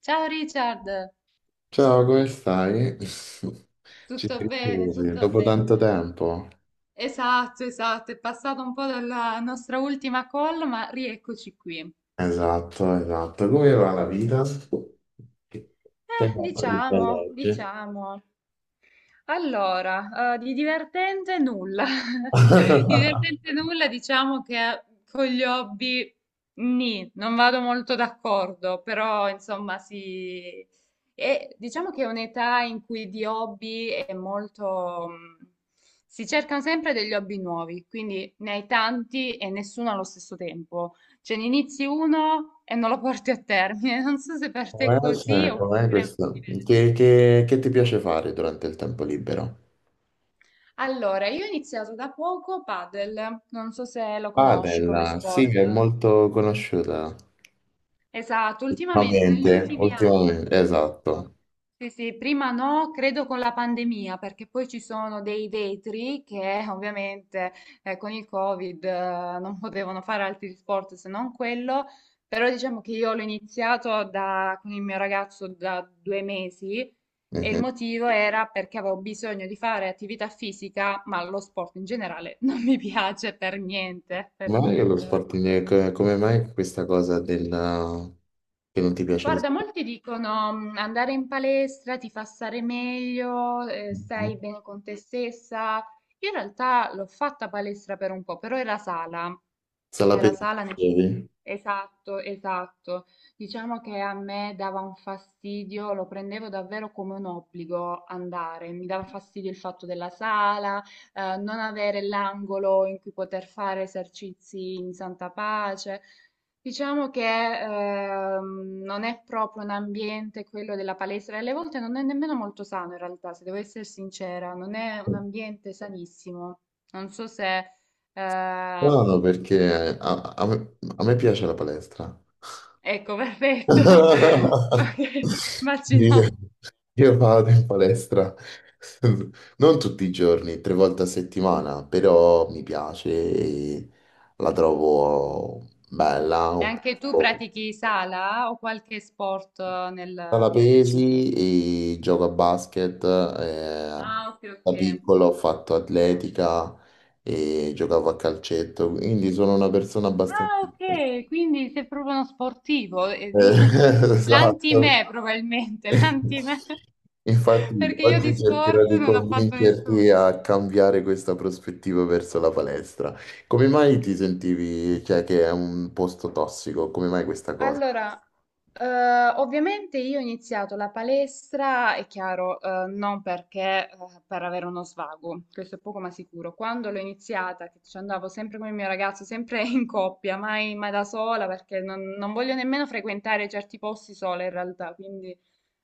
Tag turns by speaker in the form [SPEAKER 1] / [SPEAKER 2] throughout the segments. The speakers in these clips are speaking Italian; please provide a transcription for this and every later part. [SPEAKER 1] Ciao Richard,
[SPEAKER 2] Ciao, come stai? Ci
[SPEAKER 1] tutto bene,
[SPEAKER 2] sentiamo
[SPEAKER 1] tutto
[SPEAKER 2] dopo tanto
[SPEAKER 1] bene.
[SPEAKER 2] tempo.
[SPEAKER 1] Esatto, esatto, è passato un po' dalla nostra ultima call, ma rieccoci qui.
[SPEAKER 2] Esatto, esatto. Come va la vita? Che che hai fatto di bello
[SPEAKER 1] Diciamo,
[SPEAKER 2] oggi?
[SPEAKER 1] diciamo. Allora, di divertente nulla. Di divertente nulla, diciamo che, con gli hobby nì, non vado molto d'accordo, però insomma sì. E diciamo che è un'età in cui di hobby è molto... si cercano sempre degli hobby nuovi, quindi ne hai tanti e nessuno allo stesso tempo. Cioè ne inizi uno e non lo porti a termine. Non so se per te è
[SPEAKER 2] Com'è,
[SPEAKER 1] così
[SPEAKER 2] cioè, com'è
[SPEAKER 1] oppure è un po'
[SPEAKER 2] questo?
[SPEAKER 1] diverso.
[SPEAKER 2] Che ti piace fare durante il tempo libero?
[SPEAKER 1] Allora, io ho iniziato da poco padel, non so se lo conosci come
[SPEAKER 2] Padel, sì, è
[SPEAKER 1] sport.
[SPEAKER 2] molto conosciuta.
[SPEAKER 1] Esatto, ultimamente negli
[SPEAKER 2] Ultimamente,
[SPEAKER 1] ultimi anni si
[SPEAKER 2] ultimamente,
[SPEAKER 1] è diffuso.
[SPEAKER 2] esatto.
[SPEAKER 1] Sì, sì, prima no, credo con la pandemia, perché poi ci sono dei vetri che ovviamente con il Covid non potevano fare altri sport se non quello, però diciamo che io con il mio ragazzo da due mesi e il
[SPEAKER 2] Mhm.
[SPEAKER 1] motivo era perché avevo bisogno di fare attività fisica, ma lo sport in generale non mi piace per niente,
[SPEAKER 2] Ma
[SPEAKER 1] per
[SPEAKER 2] non è che lo
[SPEAKER 1] niente.
[SPEAKER 2] sport, come mai questa cosa del che non ti piace lo
[SPEAKER 1] Guarda,
[SPEAKER 2] sport?
[SPEAKER 1] molti dicono: "Mm, andare in palestra ti fa stare meglio,
[SPEAKER 2] Mhm.
[SPEAKER 1] stai bene con te stessa." Io in realtà l'ho fatta palestra per un po', però era sala.
[SPEAKER 2] Sala
[SPEAKER 1] Era
[SPEAKER 2] pesca,
[SPEAKER 1] sala, nel-
[SPEAKER 2] dicevi?
[SPEAKER 1] esatto, esatto. Diciamo che a me dava un fastidio, lo prendevo davvero come un obbligo andare. Mi dava fastidio il fatto della sala, non avere l'angolo in cui poter fare esercizi in santa pace. Diciamo che non è proprio un ambiente quello della palestra e alle volte non è nemmeno molto sano in realtà, se devo essere sincera, non è un ambiente sanissimo. Non so se...
[SPEAKER 2] Strano
[SPEAKER 1] ehm,
[SPEAKER 2] perché a me piace la palestra.
[SPEAKER 1] Ecco, perfetto. Ok,
[SPEAKER 2] Io,
[SPEAKER 1] immagino.
[SPEAKER 2] io vado in palestra non tutti i giorni, tre volte a settimana, però mi piace e la trovo bella,
[SPEAKER 1] E
[SPEAKER 2] un
[SPEAKER 1] anche tu
[SPEAKER 2] po'
[SPEAKER 1] pratichi sala o qualche sport
[SPEAKER 2] la
[SPEAKER 1] nel specifico?
[SPEAKER 2] pesi e gioco a basket.
[SPEAKER 1] Ah, ok,
[SPEAKER 2] Da
[SPEAKER 1] ok.
[SPEAKER 2] piccolo ho fatto atletica e giocavo a calcetto, quindi sono una persona abbastanza...
[SPEAKER 1] Ah, ok, quindi sei proprio uno sportivo.
[SPEAKER 2] Eh, esatto.
[SPEAKER 1] L'anti-me probabilmente, l'anti-me.
[SPEAKER 2] Infatti,
[SPEAKER 1] Perché io di
[SPEAKER 2] oggi cercherò
[SPEAKER 1] sport
[SPEAKER 2] di
[SPEAKER 1] non ho fatto
[SPEAKER 2] convincerti
[SPEAKER 1] nessuno.
[SPEAKER 2] a cambiare questa prospettiva verso la palestra. Come mai ti sentivi, cioè, che è un posto tossico? Come mai questa cosa?
[SPEAKER 1] Allora, ovviamente io ho iniziato la palestra, è chiaro, non perché, per avere uno svago, questo è poco ma sicuro. Quando l'ho iniziata, che ci andavo sempre con il mio ragazzo, sempre in coppia, mai, mai da sola, perché non voglio nemmeno frequentare certi posti sola in realtà, quindi,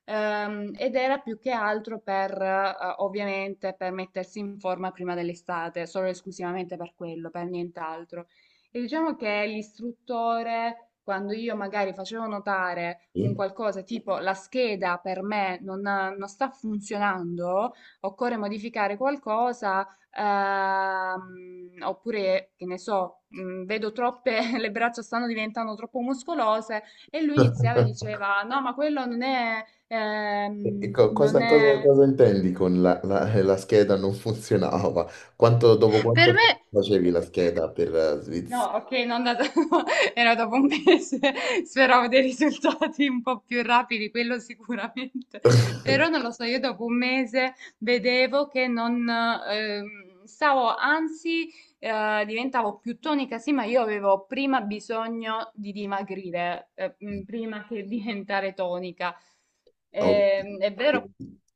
[SPEAKER 1] ed era più che altro per, ovviamente, per mettersi in forma prima dell'estate, solo e esclusivamente per quello, per nient'altro. E diciamo che l'istruttore, quando io magari facevo notare un
[SPEAKER 2] Sì?
[SPEAKER 1] qualcosa tipo la scheda per me non sta funzionando, occorre modificare qualcosa, oppure che ne so, vedo troppe, le braccia stanno diventando troppo muscolose, e lui iniziava e diceva: "No, ma quello non è,
[SPEAKER 2] E co- cosa,
[SPEAKER 1] non
[SPEAKER 2] cosa-
[SPEAKER 1] è."
[SPEAKER 2] cosa intendi con la scheda non funzionava? Dopo
[SPEAKER 1] Per
[SPEAKER 2] quanto
[SPEAKER 1] me.
[SPEAKER 2] tempo facevi la scheda per
[SPEAKER 1] No,
[SPEAKER 2] Svizzera?
[SPEAKER 1] ok, non da... era dopo un mese, speravo dei risultati un po' più rapidi, quello sicuramente, però non lo so, io dopo un mese vedevo che non stavo, anzi diventavo più tonica, sì, ma io avevo prima bisogno di dimagrire, prima che diventare tonica.
[SPEAKER 2] Ok,
[SPEAKER 1] È vero,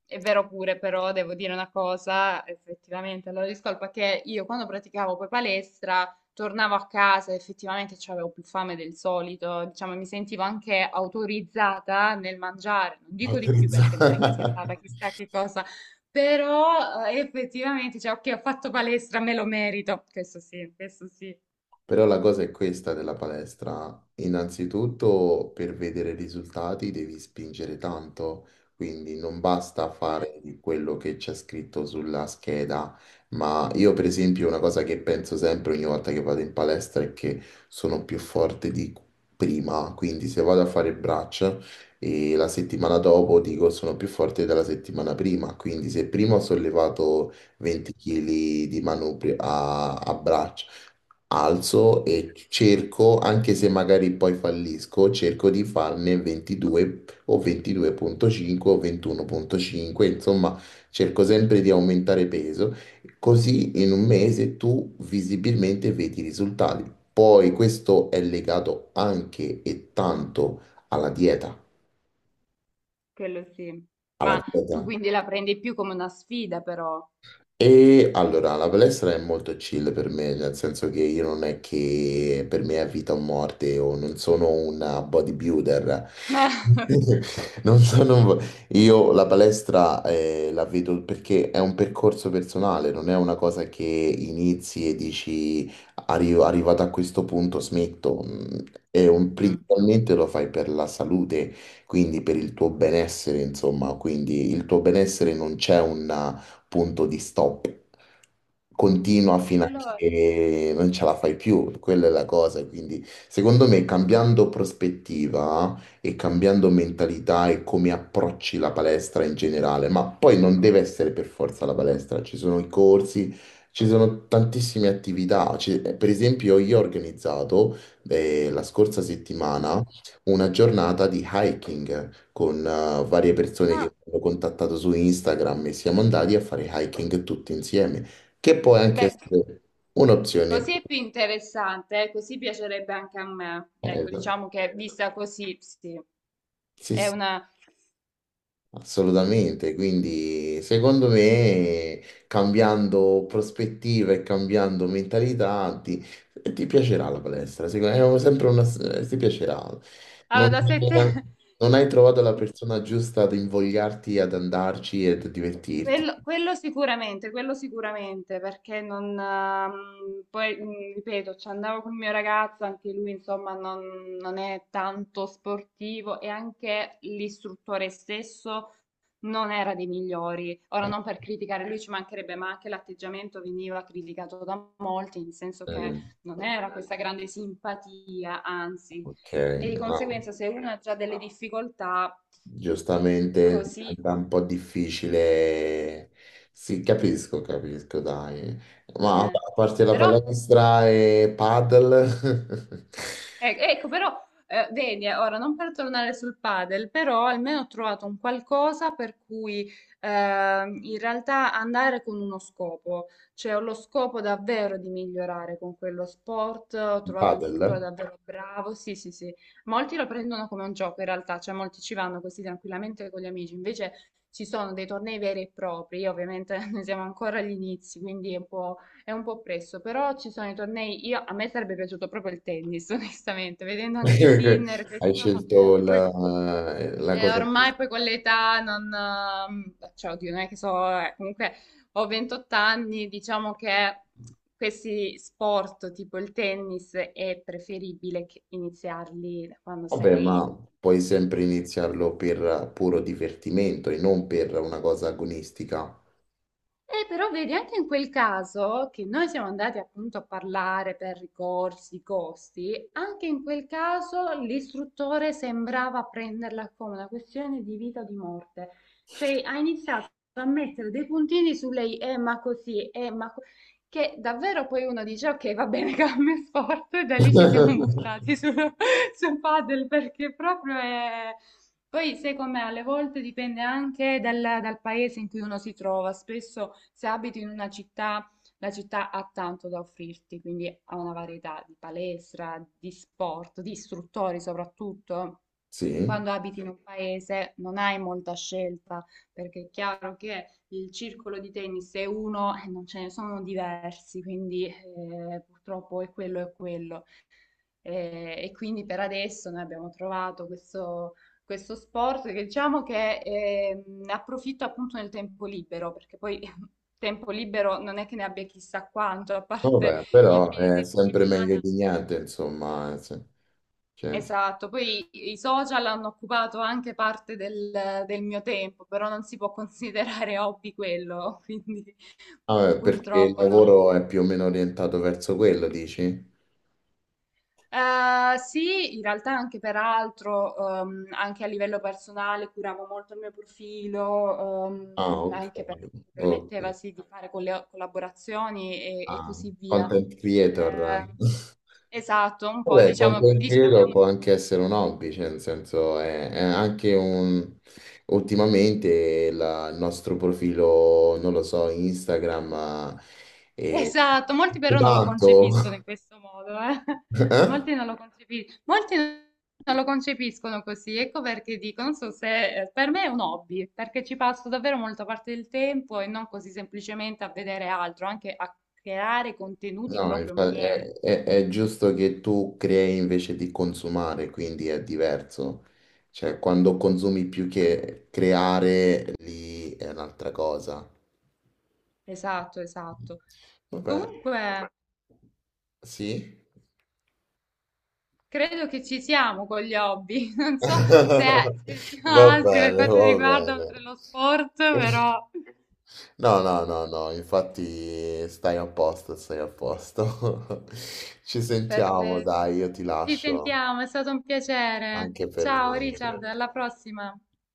[SPEAKER 1] è vero pure, però devo dire una cosa, effettivamente, allora discolpa che io quando praticavo poi palestra tornavo a casa, effettivamente avevo più fame del solito, diciamo, mi sentivo anche autorizzata nel mangiare, non dico di più perché
[SPEAKER 2] autorizzato.
[SPEAKER 1] non è che sia stata chissà che cosa, però effettivamente, cioè, ok, ho fatto palestra, me lo merito, questo sì,
[SPEAKER 2] Però la cosa è questa della palestra. Innanzitutto, per vedere risultati devi spingere tanto, quindi non basta
[SPEAKER 1] eh,
[SPEAKER 2] fare di quello che c'è scritto sulla scheda. Ma io, per esempio, una cosa che penso sempre ogni volta che vado in palestra è che sono più forte di prima. Quindi se vado a fare braccia e la settimana dopo dico sono più forte della settimana prima. Quindi se prima ho sollevato
[SPEAKER 1] que-
[SPEAKER 2] 20 kg di manubrio a braccia alzo e cerco, anche se magari poi fallisco, cerco di farne 22 o 22,5 o 21,5, insomma, cerco sempre di aumentare peso, così in un mese tu visibilmente vedi i risultati. Poi questo è legato anche e tanto alla dieta,
[SPEAKER 1] quello sì,
[SPEAKER 2] alla
[SPEAKER 1] ma tu
[SPEAKER 2] dieta.
[SPEAKER 1] quindi la prendi più come una sfida però.
[SPEAKER 2] E allora, la palestra è molto chill per me, nel senso che io non è che per me è vita o morte, o non sono un bodybuilder. Non so, non vo- Io la palestra la vedo perché è un percorso personale, non è una cosa che inizi e dici: Arrivato a questo punto smetto." Mm, è un...
[SPEAKER 1] Mm.
[SPEAKER 2] Principalmente lo fai per la salute, quindi per il tuo benessere, insomma, quindi il tuo benessere non c'è un punto di stop. Continua fino a
[SPEAKER 1] Quello è...
[SPEAKER 2] che non ce la fai più, quella è la cosa, quindi secondo me cambiando prospettiva e cambiando mentalità e come approcci la palestra in generale, ma poi non deve essere per forza la palestra, ci sono i corsi, ci sono tantissime attività. Per esempio io ho organizzato la scorsa
[SPEAKER 1] Mm.
[SPEAKER 2] settimana una giornata di hiking con varie persone
[SPEAKER 1] Ah.
[SPEAKER 2] che mi hanno contattato su Instagram e siamo andati a fare hiking tutti insieme, che può anche
[SPEAKER 1] Beh,
[SPEAKER 2] essere un'opzione.
[SPEAKER 1] così è più interessante, così piacerebbe anche a me.
[SPEAKER 2] Eh,
[SPEAKER 1] Ecco, diciamo che vista così, sì,
[SPEAKER 2] Sì,
[SPEAKER 1] è
[SPEAKER 2] sì.
[SPEAKER 1] una...
[SPEAKER 2] Assolutamente, quindi secondo me cambiando prospettiva e cambiando mentalità ti piacerà la palestra, secondo me è sempre una, ti piacerà.
[SPEAKER 1] Allora,
[SPEAKER 2] Non,
[SPEAKER 1] da sette...
[SPEAKER 2] Non hai trovato la persona giusta ad invogliarti ad andarci e a divertirti.
[SPEAKER 1] Quello, quello sicuramente, perché non... poi, ripeto, ci andavo con il mio ragazzo, anche lui, insomma, non è tanto sportivo e anche l'istruttore stesso non era dei migliori. Ora
[SPEAKER 2] Eh,
[SPEAKER 1] non per criticare lui ci mancherebbe, ma anche l'atteggiamento veniva criticato da molti, nel senso che non era questa grande simpatia, anzi,
[SPEAKER 2] Ok,
[SPEAKER 1] e di
[SPEAKER 2] no.
[SPEAKER 1] conseguenza se uno ha già delle difficoltà
[SPEAKER 2] Giustamente
[SPEAKER 1] così,
[SPEAKER 2] diventa un po' difficile. Sì, capisco, capisco, dai. Ma a
[SPEAKER 1] eh.
[SPEAKER 2] parte la
[SPEAKER 1] Però
[SPEAKER 2] palestra e paddle,
[SPEAKER 1] Ecco, però, vedi, ora non per tornare sul padel, però almeno ho trovato un qualcosa per cui in realtà andare con uno scopo, cioè ho lo scopo davvero di migliorare con quello sport, ho trovato un istruttore
[SPEAKER 2] paddle,
[SPEAKER 1] davvero bravo, sì, sì, sì, molti lo prendono come un gioco in realtà, cioè molti ci vanno così tranquillamente con gli amici, invece ci sono dei tornei veri e propri, io ovviamente ne siamo ancora agli inizi, quindi è un po'... È un po' presto, però ci sono i tornei. Io, a me sarebbe piaciuto proprio il tennis, onestamente, vedendo anche Sinner,
[SPEAKER 2] hai
[SPEAKER 1] questo,
[SPEAKER 2] scelto
[SPEAKER 1] poi,
[SPEAKER 2] la cosa più...
[SPEAKER 1] ormai poi con l'età non... Cioè, oddio, non è che so, comunque ho 28 anni, diciamo che questi sport tipo il tennis è preferibile che iniziarli da quando
[SPEAKER 2] Vabbè,
[SPEAKER 1] sei...
[SPEAKER 2] ma puoi sempre iniziarlo per puro divertimento e non per una cosa agonistica.
[SPEAKER 1] Però vedi, anche in quel caso che noi siamo andati appunto a parlare per ricorsi, costi, anche in quel caso l'istruttore sembrava prenderla come una questione di vita o di morte. Cioè ha iniziato a mettere dei puntini su lei, ma così, ma... co-", che davvero poi uno dice, ok, va bene, cambio sport, e da lì ci siamo buttati sul, sul padel perché proprio è... Poi, sai com'è, alle volte dipende anche dal paese in cui uno si trova. Spesso, se abiti in una città, la città ha tanto da offrirti, quindi ha una varietà di palestra, di sport, di istruttori soprattutto.
[SPEAKER 2] Sì,
[SPEAKER 1] Quando abiti in un paese non hai molta scelta, perché è chiaro che il circolo di tennis è uno e non ce ne sono diversi, quindi purtroppo è quello e quello. E quindi per adesso noi abbiamo trovato questo, questo sport che diciamo che, ne approfitta appunto nel tempo libero, perché poi tempo libero non è che ne abbia chissà quanto, a parte
[SPEAKER 2] vabbè,
[SPEAKER 1] il
[SPEAKER 2] però
[SPEAKER 1] fine
[SPEAKER 2] è sempre meglio
[SPEAKER 1] settimana.
[SPEAKER 2] di niente, insomma. Cioè,
[SPEAKER 1] Esatto, poi i social hanno occupato anche parte del mio tempo, però non si può considerare hobby quello, quindi
[SPEAKER 2] Ah, perché il
[SPEAKER 1] purtroppo no.
[SPEAKER 2] lavoro è più o meno orientato verso quello, dici?
[SPEAKER 1] Sì, in realtà anche per altro, anche a livello personale curavo molto il mio profilo,
[SPEAKER 2] Ah, ok.
[SPEAKER 1] anche perché mi permetteva
[SPEAKER 2] Ok.
[SPEAKER 1] sì di fare colle collaborazioni e
[SPEAKER 2] Ah,
[SPEAKER 1] così via.
[SPEAKER 2] content creator.
[SPEAKER 1] Ehm, esatto, un po'
[SPEAKER 2] Vabbè,
[SPEAKER 1] diciamo
[SPEAKER 2] content
[SPEAKER 1] diciamo
[SPEAKER 2] creator
[SPEAKER 1] di...
[SPEAKER 2] può anche essere un hobby, cioè nel senso è anche un... Ultimamente il nostro profilo, non lo so, Instagram eh,
[SPEAKER 1] Esatto, molti
[SPEAKER 2] è
[SPEAKER 1] però non lo
[SPEAKER 2] tanto...
[SPEAKER 1] concepiscono in questo modo, eh.
[SPEAKER 2] Eh?
[SPEAKER 1] Molti non lo concepiscono, molti non lo concepiscono così, ecco perché dico, non so se per me è un hobby, perché ci passo davvero molta parte del tempo e non così semplicemente a vedere altro, anche a creare contenuti
[SPEAKER 2] No,
[SPEAKER 1] proprio
[SPEAKER 2] infa-
[SPEAKER 1] miei.
[SPEAKER 2] È giusto che tu crei invece di consumare, quindi è diverso. Cioè, quando consumi più che creare, lì è un'altra cosa.
[SPEAKER 1] Esatto, esatto.
[SPEAKER 2] Vabbè,
[SPEAKER 1] Comunque,
[SPEAKER 2] sì.
[SPEAKER 1] credo che ci siamo con gli hobby, non so se ce ne siano
[SPEAKER 2] Va
[SPEAKER 1] altri per
[SPEAKER 2] bene,
[SPEAKER 1] quanto
[SPEAKER 2] va
[SPEAKER 1] riguarda
[SPEAKER 2] bene.
[SPEAKER 1] oltre lo sport, però...
[SPEAKER 2] No, no, no, no, infatti stai a posto, stai a posto. Ci sentiamo,
[SPEAKER 1] Perfetto.
[SPEAKER 2] dai, io ti
[SPEAKER 1] Ci
[SPEAKER 2] lascio,
[SPEAKER 1] sentiamo, è stato un piacere.
[SPEAKER 2] anche per
[SPEAKER 1] Ciao
[SPEAKER 2] me. Cioè.
[SPEAKER 1] Richard, alla prossima.